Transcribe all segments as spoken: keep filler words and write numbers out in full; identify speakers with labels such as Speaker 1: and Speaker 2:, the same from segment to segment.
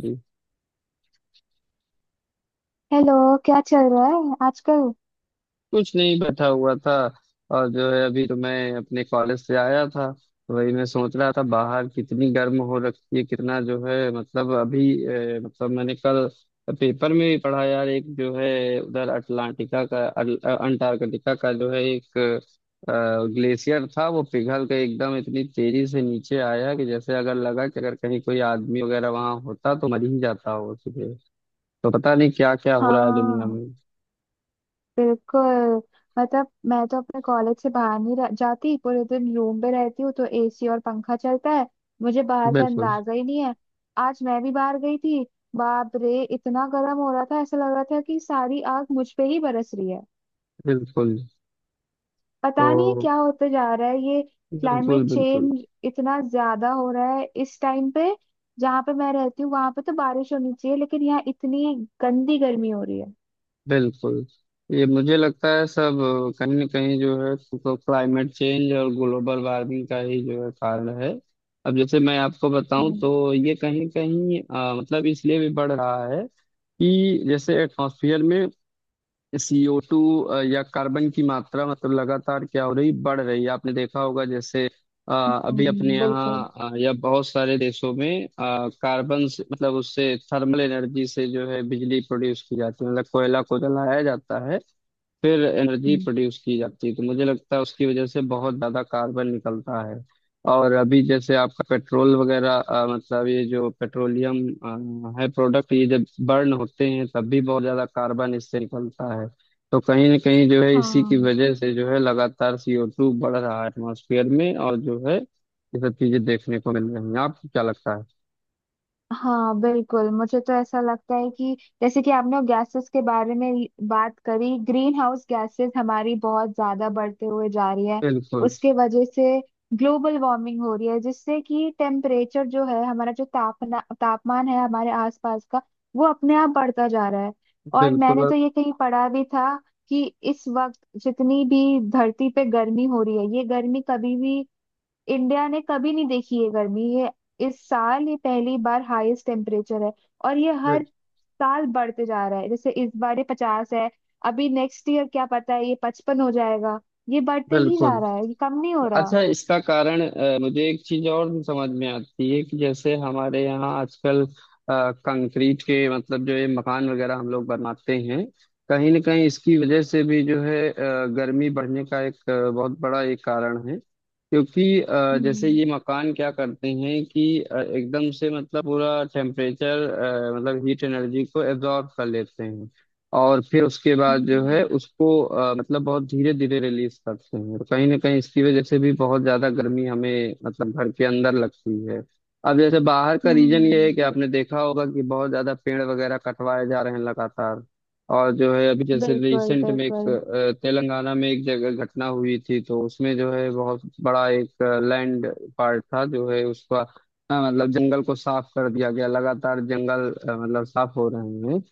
Speaker 1: जी,
Speaker 2: hello. क्या चल रहा है आजकल?
Speaker 1: कुछ नहीं बैठा हुआ था। और जो है अभी तो मैं अपने कॉलेज से आया था तो वही मैं सोच रहा था बाहर कितनी गर्म हो रखी है कितना जो है मतलब अभी अ, मतलब मैंने कल पेपर में भी पढ़ा यार एक जो है उधर अटलांटिका का अल- अ, अंटार्कटिका का जो है एक ग्लेशियर था वो पिघल के एकदम इतनी तेजी से नीचे आया कि जैसे अगर लगा कि अगर कहीं कोई आदमी वगैरह वहां होता तो मर ही जाता हो उसी पे। तो पता नहीं क्या क्या हो रहा है दुनिया
Speaker 2: हाँ,
Speaker 1: में।
Speaker 2: बिल्कुल। मतलब मैं तो अपने कॉलेज से बाहर नहीं रह, जाती, पूरे दिन रूम पे रहती हूँ तो एसी और पंखा चलता है। मुझे बाहर का
Speaker 1: बिल्कुल,
Speaker 2: अंदाजा ही नहीं है। आज मैं भी बाहर गई थी। बाप रे, इतना गर्म हो रहा था, ऐसा लग रहा था कि सारी आग मुझ पे ही बरस रही है।
Speaker 1: बिल्कुल।
Speaker 2: पता नहीं
Speaker 1: तो
Speaker 2: क्या होते जा रहा है ये।
Speaker 1: बिल्कुल,
Speaker 2: क्लाइमेट
Speaker 1: बिल्कुल,
Speaker 2: चेंज इतना ज्यादा हो रहा है इस टाइम पे। जहाँ पे मैं रहती हूँ वहां पे तो बारिश होनी चाहिए, लेकिन यहाँ इतनी गंदी गर्मी हो रही है।
Speaker 1: बिल्कुल। ये मुझे लगता है सब कहीं ना कहीं जो है तो क्लाइमेट चेंज और ग्लोबल वार्मिंग का ही जो है कारण है। अब जैसे मैं आपको बताऊं
Speaker 2: हम्म।
Speaker 1: तो ये कहीं कहीं अ, मतलब इसलिए भी बढ़ रहा है कि जैसे एटमॉस्फेयर में सी ओ टू या कार्बन की मात्रा मतलब लगातार क्या हो रही बढ़ रही है आपने देखा होगा जैसे अ, अभी अपने
Speaker 2: हम्म। बिल्कुल।
Speaker 1: यहाँ अ, या बहुत सारे देशों में कार्बन से मतलब उससे थर्मल एनर्जी से जो है बिजली प्रोड्यूस की जाती है मतलब कोयला को जलाया जाता है। फिर एनर्जी
Speaker 2: हम्म।
Speaker 1: प्रोड्यूस की जाती है तो मुझे लगता है उसकी वजह से बहुत ज्यादा कार्बन निकलता है। और अभी जैसे आपका पेट्रोल वगैरह अ, मतलब ये जो पेट्रोलियम अ, है प्रोडक्ट ये जब बर्न होते हैं तब भी बहुत ज्यादा कार्बन इससे निकलता है। तो कहीं ना कहीं जो है इसी की
Speaker 2: हाँ,
Speaker 1: वजह से जो है लगातार सी ओ टू बढ़ रहा है एटमॉस्फेयर में और जो है ये सब चीजें देखने को मिल रही हैं आपको क्या लगता है?
Speaker 2: हाँ बिल्कुल, मुझे तो ऐसा लगता है कि जैसे कि आपने गैसेस के बारे में ही बात करी, ग्रीन हाउस गैसेस हमारी बहुत ज्यादा बढ़ते हुए जा रही है।
Speaker 1: बिल्कुल,
Speaker 2: उसके वजह से ग्लोबल वार्मिंग हो रही है, जिससे कि टेम्परेचर जो है, हमारा जो तापना तापमान है हमारे आसपास का, वो अपने आप बढ़ता जा रहा है। और
Speaker 1: बिल्कुल,
Speaker 2: मैंने तो ये कहीं पढ़ा भी था कि इस वक्त जितनी भी धरती पे गर्मी हो रही है, ये गर्मी कभी भी इंडिया ने कभी नहीं देखी है। गर्मी ये इस साल ये पहली बार हाईएस्ट टेम्परेचर है। और ये हर साल बढ़ते जा रहा है, जैसे इस बार ये पचास है। अभी नेक्स्ट ईयर क्या पता है ये पचपन हो जाएगा। ये बढ़ते ही जा
Speaker 1: बिल्कुल।
Speaker 2: रहा है, ये कम नहीं हो रहा।
Speaker 1: अच्छा इसका कारण अ, मुझे एक चीज और भी समझ में आती है कि जैसे हमारे यहाँ आजकल अ, कंक्रीट के मतलब जो ये मकान वगैरह हम लोग बनाते हैं कहीं ना कहीं इसकी वजह से भी जो है अ, गर्मी बढ़ने का एक अ, बहुत बड़ा एक कारण है क्योंकि अ, जैसे
Speaker 2: हम्म।
Speaker 1: ये मकान क्या करते हैं कि अ, एकदम से मतलब पूरा टेम्परेचर मतलब हीट एनर्जी को एब्जॉर्ब कर लेते हैं। और फिर उसके बाद जो है
Speaker 2: हम्म।
Speaker 1: उसको अ, मतलब बहुत धीरे धीरे रिलीज करते हैं और कहीं ना कहीं इसकी वजह से भी बहुत ज्यादा गर्मी हमें मतलब घर के अंदर लगती है। अब जैसे बाहर का रीजन ये है
Speaker 2: हम्म,
Speaker 1: कि आपने देखा होगा कि बहुत ज्यादा पेड़ वगैरह कटवाए जा रहे हैं लगातार। और जो है अभी जैसे
Speaker 2: बिल्कुल।
Speaker 1: रिसेंट में एक
Speaker 2: बिल्कुल।
Speaker 1: अ, तेलंगाना में एक जगह घटना हुई थी तो उसमें जो है बहुत बड़ा एक लैंड पार्ट था जो है उसका अ, मतलब जंगल को साफ कर दिया गया लगातार जंगल अ, मतलब साफ हो रहे हैं।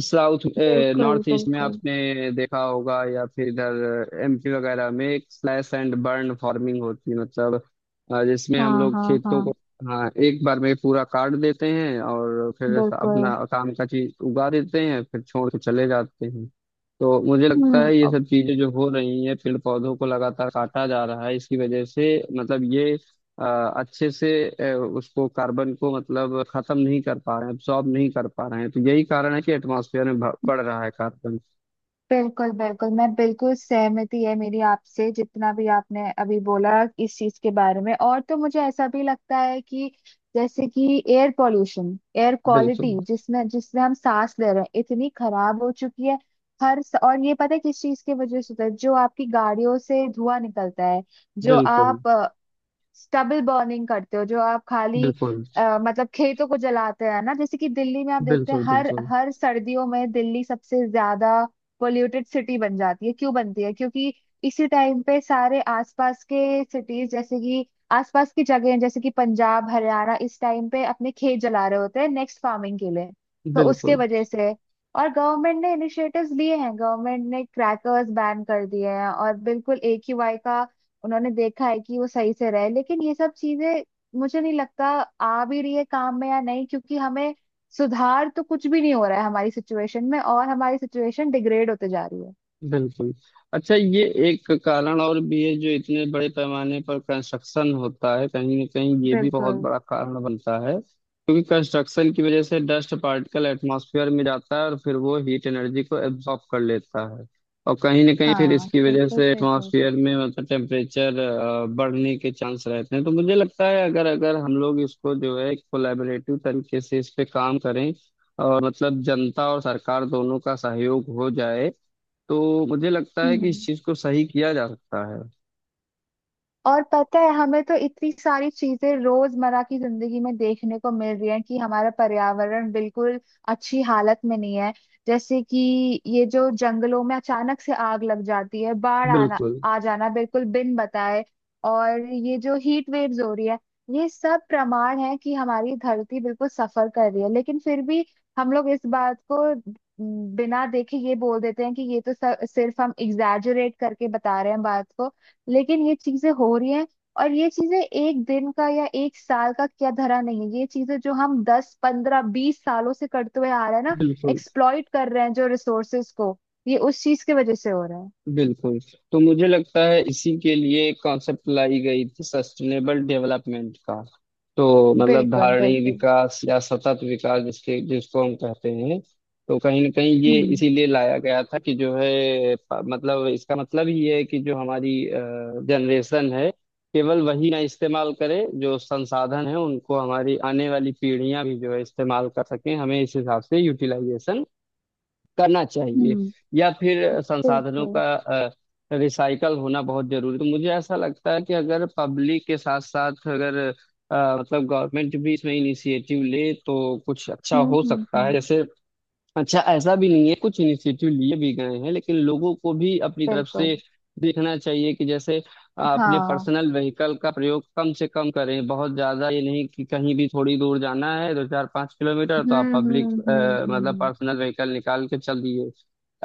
Speaker 1: साउथ
Speaker 2: बिल्कुल।
Speaker 1: नॉर्थ ईस्ट में
Speaker 2: बिल्कुल।
Speaker 1: आपने देखा होगा या फिर इधर एम पी वगैरह में एक स्लैश एंड बर्न फार्मिंग होती है मतलब अ, जिसमें हम
Speaker 2: हाँ,
Speaker 1: लोग
Speaker 2: हाँ,
Speaker 1: खेतों
Speaker 2: हाँ।
Speaker 1: को हाँ एक बार में पूरा काट देते हैं और फिर अपना
Speaker 2: बिल्कुल।
Speaker 1: काम का चीज उगा देते हैं फिर छोड़ के चले जाते हैं। तो मुझे लगता
Speaker 2: हम्म।
Speaker 1: है ये सब चीजें जो हो रही हैं पेड़ पौधों को लगातार काटा जा रहा है इसकी वजह से मतलब ये अ, अच्छे से अ, उसको कार्बन को मतलब खत्म नहीं कर पा रहे हैं एब्सॉर्ब नहीं कर पा रहे हैं तो यही कारण है कि एटमॉस्फेयर में भ- बढ़ रहा है कार्बन।
Speaker 2: बिल्कुल बिल्कुल, मैं बिल्कुल सहमति है मेरी आपसे जितना भी आपने अभी बोला इस चीज के बारे में। और तो मुझे ऐसा भी लगता है कि जैसे कि एयर पॉल्यूशन, एयर क्वालिटी
Speaker 1: बिल्कुल,
Speaker 2: जिसमें जिसमें हम सांस ले रहे हैं इतनी खराब हो चुकी है। हर स- और ये पता है किस चीज की वजह से होता है? जो आपकी गाड़ियों से धुआं निकलता है, जो
Speaker 1: बिल्कुल,
Speaker 2: आप स्टबल बर्निंग करते हो, जो आप खाली
Speaker 1: बिल्कुल,
Speaker 2: अ, मतलब खेतों को जलाते हैं ना। जैसे कि दिल्ली में आप देखते हैं
Speaker 1: बिल्कुल,
Speaker 2: हर
Speaker 1: बिल्कुल,
Speaker 2: हर सर्दियों में दिल्ली सबसे ज्यादा पोल्यूटेड सिटी बन जाती है। क्यों बनती है? क्योंकि इसी टाइम पे सारे आसपास के सिटीज जैसे कि आसपास की जगह जैसे कि पंजाब, हरियाणा इस टाइम पे अपने खेत जला रहे होते हैं नेक्स्ट फार्मिंग के लिए। तो उसके
Speaker 1: बिल्कुल,
Speaker 2: वजह से। और गवर्नमेंट ने इनिशिएटिव्स लिए हैं, गवर्नमेंट ने क्रैकर्स बैन कर दिए हैं और बिल्कुल ए क्यू आई का उन्होंने देखा है कि वो सही से रहे, लेकिन ये सब चीजें मुझे नहीं लगता आ भी रही है काम में या नहीं, क्योंकि हमें सुधार तो कुछ भी नहीं हो रहा है हमारी सिचुएशन में, और हमारी सिचुएशन डिग्रेड होते जा रही है।
Speaker 1: बिल्कुल। अच्छा ये एक कारण और भी है जो इतने बड़े पैमाने पर कंस्ट्रक्शन होता है कहीं ना कहीं ये भी बहुत
Speaker 2: बिल्कुल।
Speaker 1: बड़ा कारण बनता है क्योंकि कंस्ट्रक्शन की वजह से डस्ट पार्टिकल एटमॉस्फेयर में जाता है और फिर वो हीट एनर्जी को एब्जॉर्ब कर लेता है। और कहीं ना कहीं फिर
Speaker 2: हाँ
Speaker 1: इसकी वजह
Speaker 2: बिल्कुल
Speaker 1: से
Speaker 2: सही बोल रहे हो।
Speaker 1: एटमॉस्फेयर में मतलब टेम्परेचर बढ़ने के चांस रहते हैं तो मुझे लगता है अगर अगर हम लोग इसको जो है कोलैबोरेटिव तरीके से इस पे काम करें और मतलब जनता और सरकार दोनों का सहयोग हो जाए तो मुझे लगता है कि इस
Speaker 2: हम्म।
Speaker 1: चीज को सही किया जा सकता है।
Speaker 2: और पता है, हमें तो इतनी सारी चीजें रोजमर्रा की जिंदगी में देखने को मिल रही है कि हमारा पर्यावरण बिल्कुल अच्छी हालत में नहीं है। जैसे कि ये जो जंगलों में अचानक से आग लग जाती है, बाढ़ आना
Speaker 1: बिल्कुल,
Speaker 2: आ जाना बिल्कुल बिन बताए, और ये जो हीट वेव्स हो रही है, ये सब प्रमाण है कि हमारी धरती बिल्कुल सफर कर रही है। लेकिन फिर भी हम लोग इस बात को बिना देखे ये बोल देते हैं कि ये तो स- सिर्फ हम एग्जैजरेट करके बता रहे हैं बात को। लेकिन ये चीजें हो रही हैं। और ये चीजें एक दिन का या एक साल का क्या धरा नहीं है, ये चीजें जो हम दस पंद्रह बीस सालों से करते हुए आ रहे हैं ना,
Speaker 1: बिल्कुल,
Speaker 2: एक्सप्लॉइट कर रहे हैं जो रिसोर्सेज को, ये उस चीज की वजह से हो रहा है।
Speaker 1: बिल्कुल। तो मुझे लगता है इसी के लिए कॉन्सेप्ट लाई गई थी सस्टेनेबल डेवलपमेंट का। तो मतलब
Speaker 2: बिल्कुल।
Speaker 1: धारणीय
Speaker 2: बिल्कुल।
Speaker 1: विकास या सतत विकास जिसके जिसको हम कहते हैं। तो कहीं ना कहीं ये
Speaker 2: हम्म।
Speaker 1: इसीलिए लाया गया था कि जो है प- मतलब इसका मतलब ये है कि जो हमारी जनरेशन है केवल वही ना इस्तेमाल करे जो संसाधन है उनको हमारी आने वाली पीढ़ियां भी जो है इस्तेमाल कर सकें हमें इस हिसाब से यूटिलाइजेशन करना चाहिए
Speaker 2: हम्म।
Speaker 1: या फिर संसाधनों
Speaker 2: बिल्कुल।
Speaker 1: का रिसाइकल होना बहुत जरूरी। तो मुझे ऐसा लगता है कि अगर पब्लिक के साथ साथ अगर अ, मतलब गवर्नमेंट भी इसमें इनिशिएटिव ले तो कुछ अच्छा
Speaker 2: हम्म।
Speaker 1: हो
Speaker 2: हम्म।
Speaker 1: सकता है
Speaker 2: हम्म।
Speaker 1: जैसे। अच्छा ऐसा भी नहीं है कुछ इनिशिएटिव लिए भी गए हैं लेकिन लोगों को भी अपनी तरफ
Speaker 2: बिल्कुल।
Speaker 1: से देखना चाहिए कि जैसे आ, अपने
Speaker 2: हाँ।
Speaker 1: पर्सनल व्हीकल का प्रयोग कम से कम करें बहुत ज्यादा ये नहीं कि कहीं भी थोड़ी दूर जाना है दो चार पाँच किलोमीटर तो आप
Speaker 2: हम्म।
Speaker 1: पब्लिक
Speaker 2: हम्म। हम्म।
Speaker 1: मतलब
Speaker 2: हम्म।
Speaker 1: पर्सनल व्हीकल निकाल के चल दिए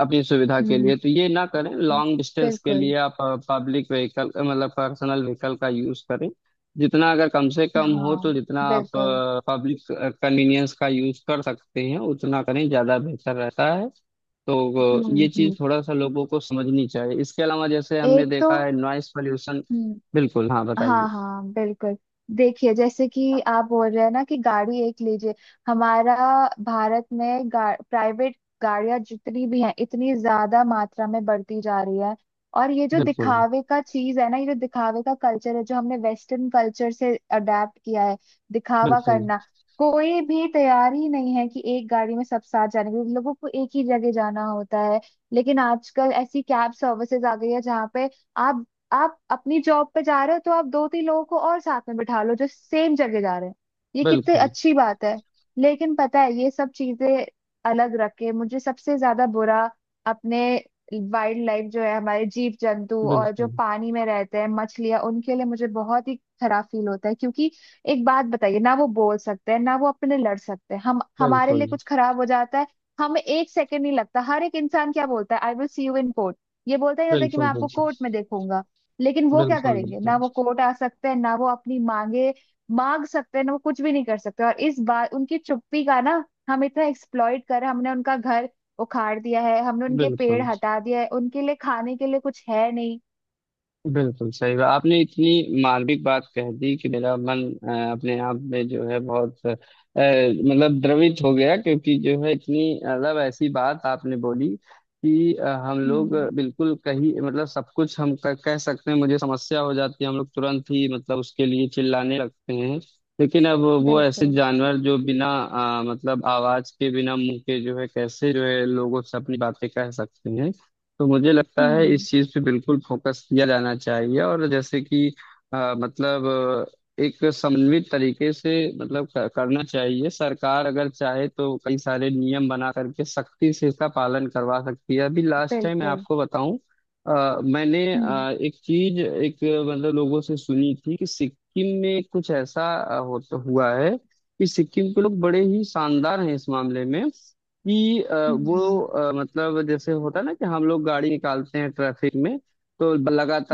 Speaker 1: अपनी सुविधा के
Speaker 2: हम्म।
Speaker 1: लिए तो ये ना करें
Speaker 2: हम्म,
Speaker 1: लॉन्ग डिस्टेंस के
Speaker 2: बिल्कुल।
Speaker 1: लिए आप पब्लिक व्हीकल मतलब पर्सनल व्हीकल का यूज करें जितना अगर कम से कम हो तो
Speaker 2: हाँ,
Speaker 1: जितना आप
Speaker 2: बिल्कुल।
Speaker 1: पब्लिक कन्वीनियंस का यूज कर सकते हैं उतना करें ज़्यादा बेहतर रहता है। तो अ,
Speaker 2: हम्म।
Speaker 1: ये चीज़
Speaker 2: हम्म।
Speaker 1: थोड़ा सा लोगों को समझनी चाहिए इसके अलावा जैसे हमने
Speaker 2: एक
Speaker 1: देखा है नॉइस पॉल्यूशन।
Speaker 2: तो।
Speaker 1: बिल्कुल, हाँ, बताइए।
Speaker 2: हाँ, हाँ बिल्कुल। देखिए जैसे कि आप बोल रहे हैं ना कि गाड़ी एक लीजिए, हमारा भारत में गा, प्राइवेट गाड़ियां जितनी भी हैं इतनी ज्यादा मात्रा में बढ़ती जा रही है। और ये जो
Speaker 1: बिल्कुल,
Speaker 2: दिखावे का चीज है ना, ये जो दिखावे का कल्चर है जो हमने वेस्टर्न कल्चर से अडेप्ट किया है, दिखावा
Speaker 1: बिल्कुल,
Speaker 2: करना। कोई भी तैयार ही नहीं है कि एक गाड़ी में सब साथ जाने के लिए। लोगों को एक ही जगह जाना होता है, लेकिन आजकल ऐसी कैब सर्विसेज आ गई है जहाँ पे आप आप अपनी जॉब पे जा रहे हो तो आप दो तीन लोगों को और साथ में बिठा लो जो सेम जगह जा रहे हैं। ये कितनी
Speaker 1: बिल्कुल,
Speaker 2: अच्छी बात है। लेकिन पता है ये सब चीजें अलग रख के, मुझे सबसे ज्यादा बुरा अपने वाइल्ड लाइफ जो है, हमारे जीव जंतु और जो
Speaker 1: बिल्कुल,
Speaker 2: पानी में रहते हैं मछलियां, उनके लिए मुझे बहुत ही खराब फील होता है, क्योंकि एक बात बताइए ना, वो बोल सकते हैं ना, वो अपने लिए लड़ सकते हैं? हम, हमारे
Speaker 1: बिल्कुल,
Speaker 2: लिए कुछ खराब हो जाता है हमें एक सेकंड नहीं लगता, हर एक इंसान क्या बोलता है? I will see you in court. ये बोलता ही होता है कि मैं
Speaker 1: बिल्कुल,
Speaker 2: आपको कोर्ट में देखूंगा। लेकिन वो क्या
Speaker 1: बिल्कुल,
Speaker 2: करेंगे
Speaker 1: बिल्कुल,
Speaker 2: ना? वो
Speaker 1: बिल्कुल,
Speaker 2: कोर्ट आ सकते हैं ना? वो अपनी मांगे मांग सकते हैं ना? वो कुछ भी नहीं कर सकते। और इस बार उनकी चुप्पी का ना, हम इतना एक्सप्लॉइट कर रहे हैं, हमने उनका घर उखाड़ दिया है, हमने उनके पेड़
Speaker 1: बिल्कुल।
Speaker 2: हटा दिया है, उनके लिए खाने के लिए कुछ है नहीं।
Speaker 1: बिल्कुल सही बात आपने इतनी मार्मिक बात कह दी कि मेरा मन अ, अपने आप में जो है बहुत अ, मतलब द्रवित हो गया क्योंकि जो है इतनी मतलब ऐसी बात आपने बोली कि अ, हम लोग
Speaker 2: हम्म।
Speaker 1: बिल्कुल कहीं मतलब सब कुछ हम क- कह सकते हैं मुझे समस्या हो जाती है हम लोग तुरंत ही मतलब उसके लिए चिल्लाने लगते हैं। लेकिन अब वो ऐसे
Speaker 2: बिल्कुल।
Speaker 1: जानवर जो बिना अ, मतलब आवाज के बिना मुंह के जो है कैसे जो है लोगों से अपनी बातें कह सकते हैं। तो मुझे लगता है
Speaker 2: हम्म।
Speaker 1: इस चीज पे बिल्कुल फोकस किया जाना चाहिए और जैसे कि अ, मतलब अ, एक समन्वित तरीके से मतलब क- करना चाहिए सरकार अगर चाहे तो कई सारे नियम बना करके सख्ती से इसका पालन करवा सकती है अभी लास्ट टाइम मैं
Speaker 2: बिल्कुल।
Speaker 1: आपको बताऊं अ, मैंने
Speaker 2: हम्म।
Speaker 1: अ, एक चीज एक अ, मतलब लोगों से सुनी थी कि सिक्किम में कुछ ऐसा अ, होता हुआ है कि सिक्किम के लोग बड़े ही शानदार हैं इस मामले में कि अ, वो
Speaker 2: हम्म।
Speaker 1: अ, मतलब जैसे होता है ना कि हम लोग गाड़ी निकालते हैं ट्रैफिक में तो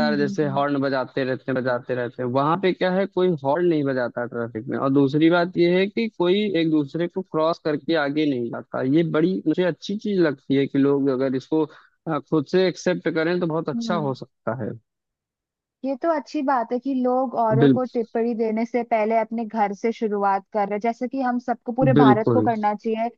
Speaker 2: हम्म। हम्म।
Speaker 1: जैसे
Speaker 2: हम्म।
Speaker 1: हॉर्न बजाते रहते हैं बजाते रहते हैं वहां पे क्या है कोई हॉर्न नहीं बजाता ट्रैफिक में और दूसरी बात ये है कि कोई एक दूसरे को क्रॉस करके आगे नहीं जाता ये बड़ी मुझे अच्छी चीज लगती है कि लोग अगर इसको अ, खुद से एक्सेप्ट करें तो बहुत अच्छा
Speaker 2: हम्म।
Speaker 1: हो सकता है।
Speaker 2: ये तो अच्छी बात है कि लोग औरों
Speaker 1: बिल,
Speaker 2: को टिप्पणी देने से पहले अपने घर से शुरुआत कर रहे हैं, जैसे कि हम सबको, पूरे भारत को
Speaker 1: बिल्कुल,
Speaker 2: करना चाहिए।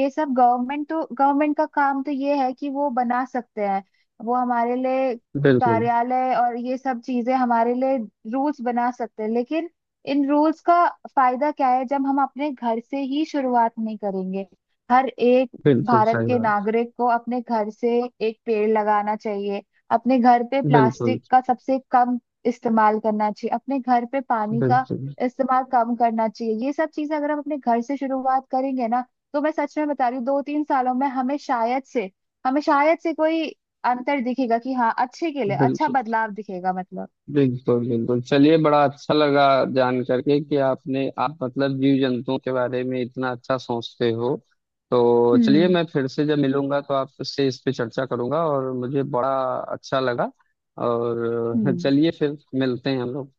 Speaker 2: ये सब गवर्नमेंट तो गवर्नमेंट का काम तो ये है कि वो बना सकते हैं, वो हमारे लिए
Speaker 1: बिल्कुल,
Speaker 2: कार्यालय और ये सब चीजें हमारे लिए रूल्स बना सकते हैं। लेकिन इन रूल्स का फायदा क्या है जब हम अपने घर से ही शुरुआत नहीं करेंगे? हर एक
Speaker 1: बिल्कुल
Speaker 2: भारत
Speaker 1: सही
Speaker 2: के
Speaker 1: बात।
Speaker 2: नागरिक को अपने घर से एक पेड़ लगाना चाहिए, अपने घर पे
Speaker 1: बिल्कुल,
Speaker 2: प्लास्टिक का सबसे कम इस्तेमाल करना चाहिए, अपने घर पे पानी का
Speaker 1: बिल्कुल,
Speaker 2: इस्तेमाल कम करना चाहिए। ये सब चीजें अगर हम अपने घर से शुरुआत करेंगे ना, तो मैं सच में बता रही हूँ दो तीन सालों में हमें शायद से हमें शायद से कोई अंतर दिखेगा कि हाँ अच्छे के लिए अच्छा
Speaker 1: बिल्कुल,
Speaker 2: बदलाव दिखेगा, मतलब।
Speaker 1: बिल्कुल, बिल्कुल। चलिए बड़ा अच्छा लगा जान करके कि आपने आप मतलब जीव जंतुओं के बारे में इतना अच्छा सोचते हो। तो चलिए
Speaker 2: हम्म।
Speaker 1: मैं फिर से जब मिलूंगा तो आपसे इस पे चर्चा करूंगा और मुझे बड़ा अच्छा लगा। और
Speaker 2: हम्म।
Speaker 1: चलिए फिर मिलते हैं हम लोग।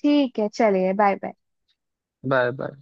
Speaker 2: ठीक है, चलिए, बाय बाय।
Speaker 1: Bye bye.